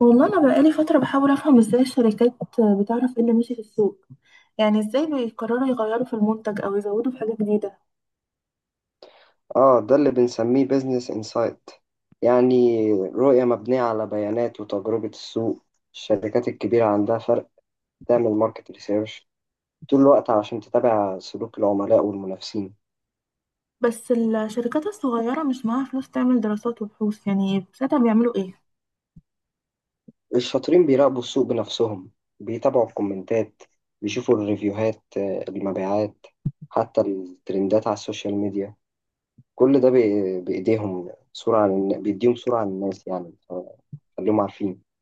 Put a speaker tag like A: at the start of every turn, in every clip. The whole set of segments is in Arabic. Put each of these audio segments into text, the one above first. A: والله أنا بقالي فترة بحاول أفهم إزاي الشركات بتعرف إيه اللي ماشي في السوق. يعني إزاي بيقرروا يغيروا في المنتج أو يزودوا في حاجة جديدة؟
B: اه، ده اللي بنسميه بيزنس انسايت. يعني رؤية مبنية على بيانات وتجربة السوق. الشركات الكبيرة عندها فرق تعمل ماركت ريسيرش طول الوقت علشان تتابع سلوك العملاء والمنافسين.
A: بس الشركات الصغيرة مش معاها فلوس تعمل دراسات وبحوث، يعني ساعتها بيعملوا إيه؟
B: الشاطرين بيراقبوا السوق بنفسهم، بيتابعوا الكومنتات، بيشوفوا الريفيوهات، المبيعات، حتى الترندات على السوشيال ميديا. كل ده بإيديهم صورة عن بيديهم صورة عن الناس، يعني، خليهم عارفين.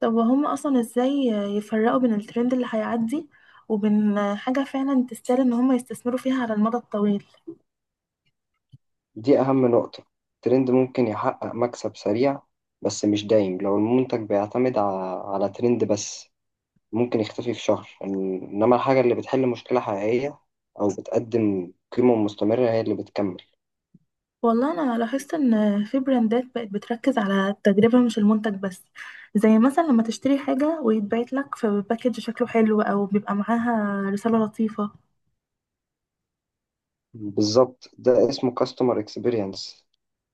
A: طب وهم أصلا إزاي يفرقوا بين الترند اللي هيعدي وبين حاجة فعلا تستاهل إن هم يستثمروا فيها على المدى الطويل؟
B: دي أهم نقطة. الترند ممكن يحقق مكسب سريع، بس مش دايم. لو المنتج بيعتمد على ترند بس، ممكن يختفي في شهر. إنما الحاجة اللي بتحل مشكلة حقيقية أو بتقدم قيمة مستمرة هي اللي بتكمل.
A: والله انا لاحظت ان في براندات بقت بتركز على التجربه مش المنتج بس، زي مثلا لما تشتري حاجه ويتبعت لك في باكج شكله حلو او بيبقى معاها رساله لطيفه.
B: بالظبط، ده اسمه كاستمر اكسبيرينس.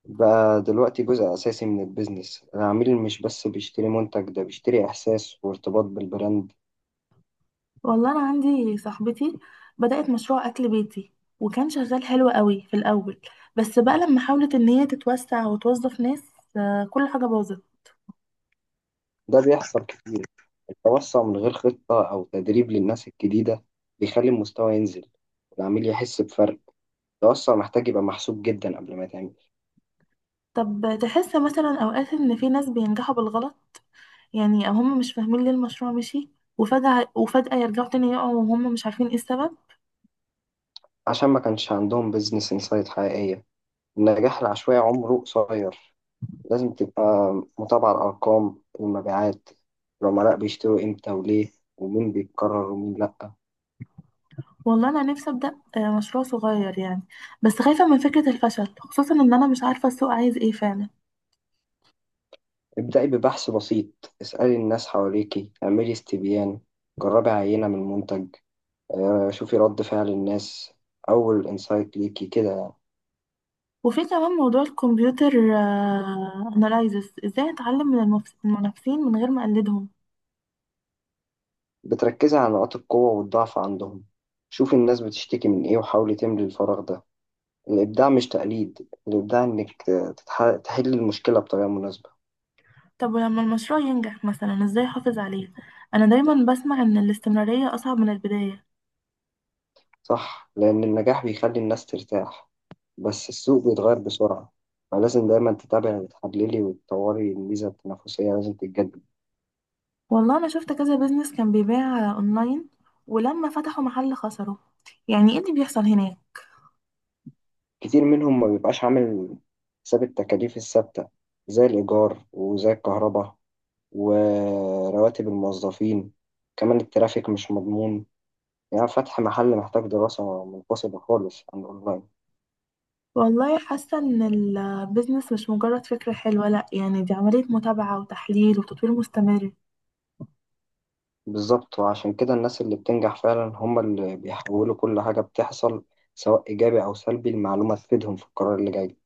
B: بقى دلوقتي جزء أساسي من البيزنس. العميل مش بس بيشتري منتج، ده بيشتري إحساس وارتباط بالبراند.
A: والله انا عندي صاحبتي بدات مشروع اكل بيتي، وكان شغال حلو قوي في الاول، بس بقى لما حاولت ان هي تتوسع وتوظف ناس، كل حاجه باظت.
B: ده بيحصل كتير. التوسع من غير خطة أو تدريب للناس الجديدة بيخلي المستوى ينزل والعميل يحس بفرق. التوسع محتاج يبقى محسوب جدا قبل ما يتعمل.
A: طب تحس مثلا اوقات ان في ناس بينجحوا بالغلط؟ يعني هم مش فاهمين ليه المشروع مشي وفجأة يرجعوا تاني يقعوا وهم مش عارفين ايه السبب.
B: عشان ما كانش عندهم بيزنس انسايت حقيقية. النجاح العشوائي عمره قصير. لازم تبقى متابعة الأرقام، المبيعات، العملاء بيشتروا إمتى وليه، ومين بيتكرر ومين لأ.
A: والله انا نفسي ابدا مشروع صغير يعني، بس خايفه من فكره الفشل، خصوصا ان انا مش عارفه السوق عايز ايه فعلا.
B: ابدأي ببحث بسيط، اسألي الناس حواليكي، اعملي استبيان، جربي عينة من منتج، شوفي رد فعل الناس. أول إنسايت ليكي كده يعني.
A: وفي كمان موضوع الكمبيوتر اناليزس، ازاي اتعلم من المنافسين من غير ما اقلدهم؟
B: بتركزي على نقاط القوة والضعف عندهم. شوفي الناس بتشتكي من إيه وحاولي تملي الفراغ ده. الإبداع مش تقليد، الإبداع إنك تحلي المشكلة بطريقة مناسبة.
A: طب ولما المشروع ينجح مثلا، ازاي احافظ عليه؟ انا دايما بسمع ان الاستمراريه اصعب من البدايه.
B: صح، لأن النجاح بيخلي الناس ترتاح، بس السوق بيتغير بسرعة. فلازم دايما تتابعي وتحللي وتطوري. الميزة التنافسية لازم تتجدد.
A: والله انا شفت كذا بيزنس كان بيبيع اونلاين، ولما فتحوا محل خسروا. يعني ايه اللي بيحصل هناك؟
B: كتير منهم ما بيبقاش عامل حساب التكاليف الثابتة زي الإيجار وزي الكهرباء ورواتب الموظفين. كمان الترافيك مش مضمون. يعني فتح محل محتاج دراسة منفصلة خالص عن الأونلاين.
A: والله حاسة إن البيزنس مش مجرد فكرة حلوة، لأ، يعني دي عملية متابعة وتحليل وتطوير مستمر.
B: بالظبط، وعشان كده الناس اللي بتنجح فعلا هم اللي بيحولوا كل حاجة بتحصل، سواء إيجابي أو سلبي، المعلومة تفيدهم في القرار اللي جاي.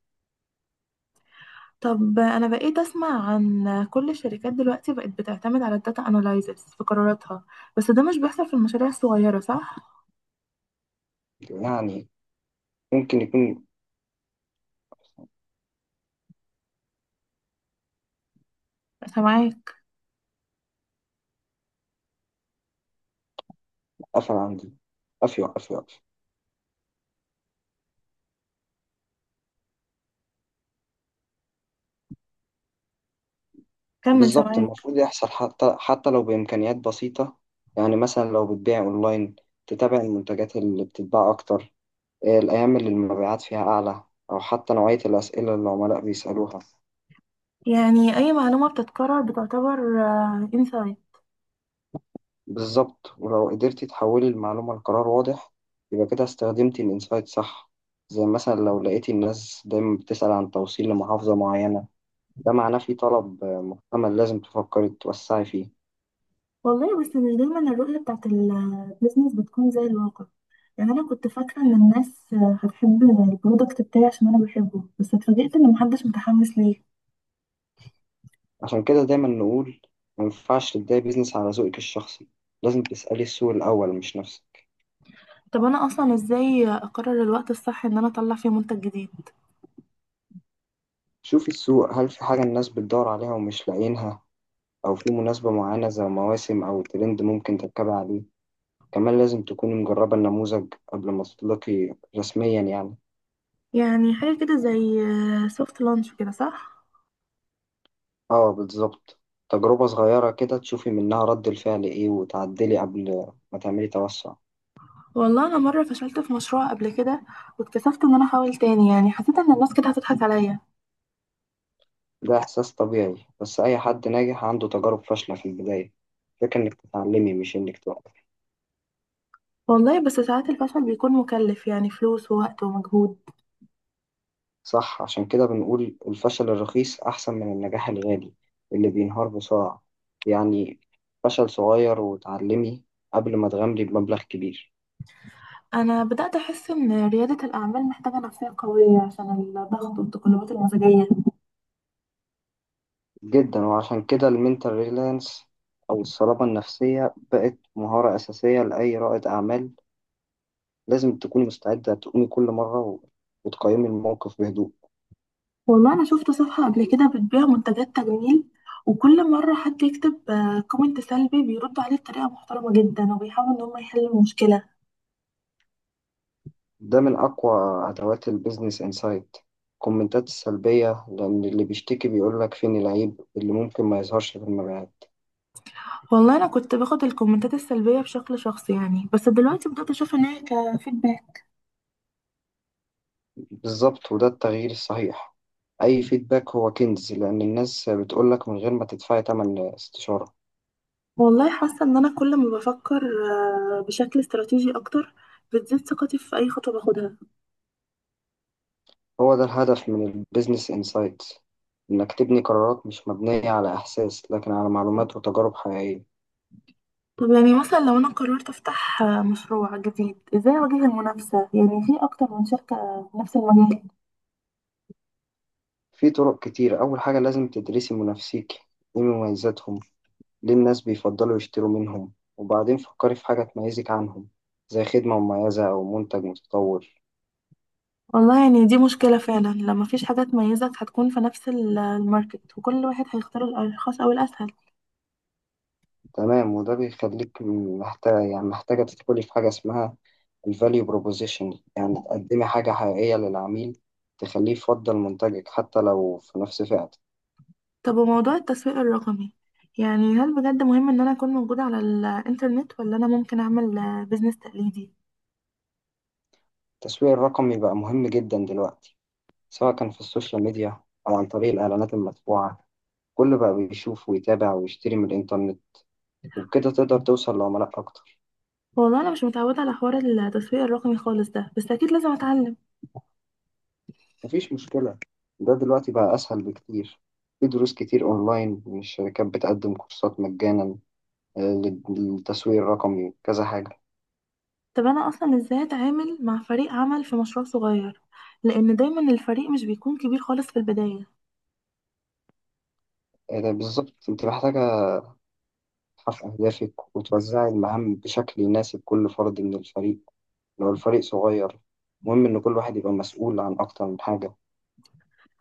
A: طب أنا بقيت أسمع عن كل الشركات دلوقتي بقت بتعتمد على الداتا أنالايزس في قراراتها، بس ده مش بيحصل في المشاريع الصغيرة صح؟
B: يعني، ممكن يكون.
A: سامعاك.
B: قفل عندي، قفل قفل قفل.
A: كمل،
B: بالظبط،
A: سامعاك.
B: المفروض يحصل. حتى لو بإمكانيات بسيطة. يعني مثلا لو بتبيع أونلاين، تتابع المنتجات اللي بتتباع أكتر، الأيام اللي المبيعات فيها أعلى، أو حتى نوعية الأسئلة اللي العملاء بيسألوها.
A: يعني أي معلومة بتتكرر بتعتبر انسايت؟
B: بالظبط، ولو قدرتي تحولي المعلومة لقرار واضح، يبقى كده استخدمتي الإنسايت صح. زي مثلا لو لقيتي الناس دايما بتسأل عن توصيل لمحافظة معينة، ده معناه في طلب محتمل، لازم تفكري توسعي فيه.
A: والله بس مش دايما الرؤية بتاعت البيزنس بتكون زي الواقع. يعني انا كنت فاكره ان الناس هتحب البرودكت بتاعي عشان انا بحبه، بس اتفاجئت ان محدش متحمس ليه.
B: عشان كده دايما نقول ما ينفعش تبدأي بيزنس على ذوقك الشخصي. لازم تسألي السوق الأول مش نفسك.
A: طب انا اصلا ازاي اقرر الوقت الصح ان انا اطلع فيه منتج جديد؟
B: شوفي السوق، هل في حاجة الناس بتدور عليها ومش لاقيينها؟ أو في مناسبة معينة زي مواسم أو ترند ممكن تركبي عليه؟ كمان لازم تكوني مجربة النموذج قبل ما تطلقي رسميا يعني.
A: يعني حاجه كده زي سوفت لانش كده صح؟
B: اه، بالظبط. تجربة صغيرة كده تشوفي منها رد الفعل ايه وتعدلي قبل ما تعملي توسع.
A: والله انا مره فشلت في مشروع قبل كده، واتكسفت ان انا احاول تاني، يعني حسيت ان الناس كده هتضحك عليا.
B: ده إحساس طبيعي، بس أي حد ناجح عنده تجارب فاشلة في البداية. الفكرة إنك تتعلمي مش إنك توقفي.
A: والله بس ساعات الفشل بيكون مكلف، يعني فلوس ووقت ومجهود.
B: صح، عشان كده بنقول الفشل الرخيص أحسن من النجاح الغالي اللي بينهار بسرعة. يعني فشل صغير وتعلمي قبل ما تغامري بمبلغ كبير.
A: انا بدات احس ان رياده الاعمال محتاجه نفسيه قويه عشان الضغط والتقلبات المزاجيه.
B: جدا، وعشان كده المنتال ريلانس أو الصلابة النفسية بقت مهارة أساسية لأي رائد أعمال. لازم تكوني مستعدة تقومي كل مرة وتقيمي الموقف بهدوء.
A: والله انا شفت صفحة قبل كده بتبيع منتجات تجميل، وكل مرة حد يكتب كومنت سلبي بيردوا عليه بطريقة محترمة جدا وبيحاولوا ان هم يحلوا المشكلة.
B: ده من أقوى أدوات البيزنس إنسايت، الكومنتات السلبية، لأن اللي بيشتكي بيقولك فين العيب اللي ممكن ما يظهرش في المبيعات.
A: والله انا كنت باخد الكومنتات السلبية بشكل شخصي يعني، بس دلوقتي بدأت اشوف ان هي كفيدباك.
B: بالظبط، وده التغيير الصحيح. أي فيدباك هو كنز، لأن الناس بتقولك من غير ما تدفعي تمن استشارة.
A: والله حاسة ان انا كل ما بفكر بشكل استراتيجي اكتر، بتزيد ثقتي في اي خطوة باخدها.
B: هو ده الهدف من البيزنس انسايت، إنك تبني قرارات مش مبنية على إحساس، لكن على معلومات وتجارب حقيقية.
A: طب يعني مثلا لو انا قررت افتح مشروع جديد، ازاي اواجه المنافسة، يعني في اكتر من شركة في نفس المجال؟
B: في طرق كتير. أول حاجة لازم تدرسي منافسيك، إيه مميزاتهم، ليه الناس بيفضلوا يشتروا منهم، وبعدين فكري في حاجة تميزك عنهم، زي خدمة مميزة أو منتج متطور.
A: والله يعني دي مشكلة فعلا لما مفيش حاجة تميزك، هتكون في نفس الماركت وكل واحد هيختار الأرخص أو الأسهل.
B: تمام، وده بيخليك محتاجة، يعني محتاجة، تدخلي في حاجة اسمها الفاليو بروبوزيشن، يعني تقدمي حاجة حقيقية للعميل تخليه يفضل منتجك حتى لو في نفس فئته.
A: طب وموضوع التسويق الرقمي، يعني هل بجد مهم إن أنا أكون موجودة على الإنترنت، ولا أنا ممكن أعمل بيزنس تقليدي؟
B: التسويق الرقمي بقى مهم جدا دلوقتي، سواء كان في السوشيال ميديا أو عن طريق الإعلانات المدفوعة. كل بقى بيشوف ويتابع ويشتري من الإنترنت، وبكده تقدر توصل لعملاء أكتر.
A: والله أنا مش متعودة على حوار التسويق الرقمي خالص ده، بس أكيد لازم أتعلم.
B: مفيش مشكلة، ده دلوقتي بقى أسهل بكتير. في دروس كتير أونلاين، والشركات بتقدم كورسات مجانا آه، للتسويق الرقمي وكذا حاجة.
A: طب أنا أصلا إزاي أتعامل مع فريق عمل في مشروع صغير؟ لأن دايما الفريق مش بيكون كبير خالص في البداية.
B: ده بالظبط. أنت محتاجة تحقق أهدافك وتوزع المهام بشكل يناسب كل فرد من الفريق. لو الفريق صغير، مهم إن كل واحد يبقى مسؤول عن أكتر من حاجة.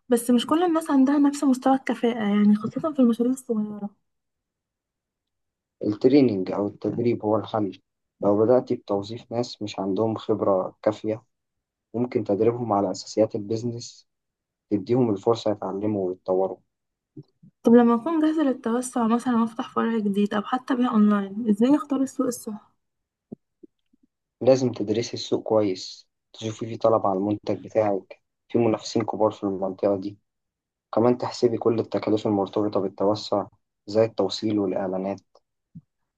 A: بس مش كل الناس عندها نفس مستوى الكفاءة، يعني خاصة في المشاريع الصغيرة.
B: التريننج أو التدريب هو الحل. لو بدأت بتوظيف ناس مش عندهم خبرة كافية، ممكن تدريبهم على أساسيات البيزنس، تديهم الفرصة يتعلموا ويتطوروا.
A: طب لما أكون جاهزة للتوسع مثلا، وأفتح فرع جديد أو حتى بيع أونلاين، إزاي أختار السوق الصح؟
B: لازم تدرسي السوق كويس، تشوفي في طلب على المنتج بتاعك، في منافسين كبار في المنطقة دي. كمان تحسبي كل التكاليف المرتبطة بالتوسع زي التوصيل والإعلانات.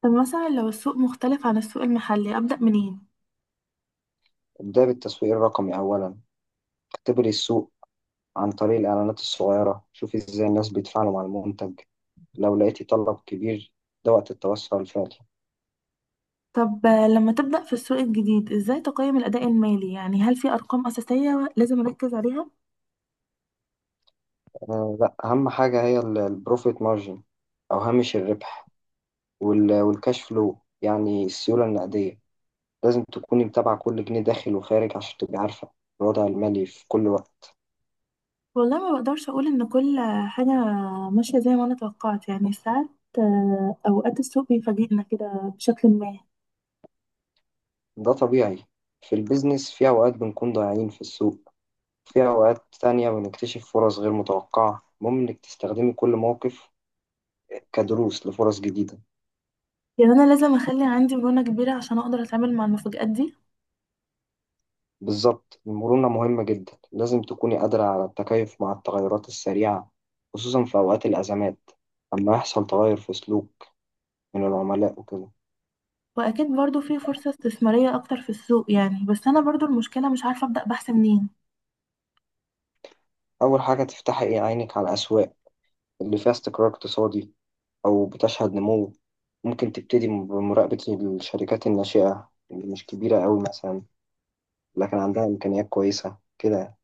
A: طب مثلا لو السوق مختلف عن السوق المحلي، أبدأ منين؟
B: ابدأ بالتسويق الرقمي أولا، اختبري السوق عن طريق الإعلانات الصغيرة، شوفي إزاي الناس بيتفاعلوا مع المنتج. لو لقيتي طلب كبير، ده وقت التوسع الفعلي.
A: طب لما تبدأ في السوق الجديد، إزاي تقيم الأداء المالي؟ يعني هل في أرقام أساسية لازم أركز عليها؟
B: آه لا، أهم حاجة هي البروفيت مارجن أو هامش الربح، والكاش فلو يعني السيولة النقدية. لازم تكوني متابعة كل جنيه داخل وخارج عشان تبقي عارفة الوضع المالي في كل وقت.
A: والله ما بقدرش أقول إن كل حاجة ماشية زي ما أنا توقعت، يعني ساعات، أوقات، السوق بيفاجئنا كده بشكل ما.
B: ده طبيعي. في البيزنس في أوقات بنكون ضايعين في السوق، في أوقات تانية بنكتشف فرص غير متوقعة. المهم إنك تستخدمي كل موقف كدروس لفرص جديدة.
A: يعني أنا لازم أخلي عندي مرونة كبيرة عشان أقدر أتعامل مع المفاجآت دي.
B: بالظبط، المرونة مهمة جدا. لازم تكوني قادرة على التكيف مع التغيرات السريعة، خصوصا في أوقات الأزمات، لما يحصل تغير في سلوك من العملاء وكده.
A: واكيد برضو في فرصة استثمارية اكتر في السوق يعني، بس انا برضو المشكلة مش عارفة ابدأ بحث منين.
B: أول حاجة، تفتحي إيه عينك على الأسواق اللي فيها استقرار اقتصادي أو بتشهد نمو. ممكن تبتدي بمراقبة الشركات الناشئة اللي مش كبيرة أوي مثلا، لكن عندها إمكانيات كويسة كده.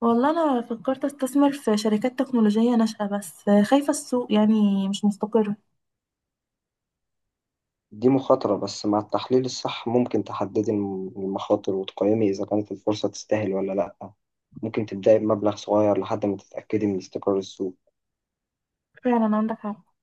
A: والله انا فكرت استثمر في شركات تكنولوجية ناشئة، بس خايفة السوق يعني مش مستقر.
B: دي مخاطرة، بس مع التحليل الصح ممكن تحددي المخاطر وتقيمي إذا كانت الفرصة تستاهل ولا لأ. ممكن تبدأي بمبلغ صغير لحد ما تتأكدي من استقرار السوق.
A: فعلا عندك حق.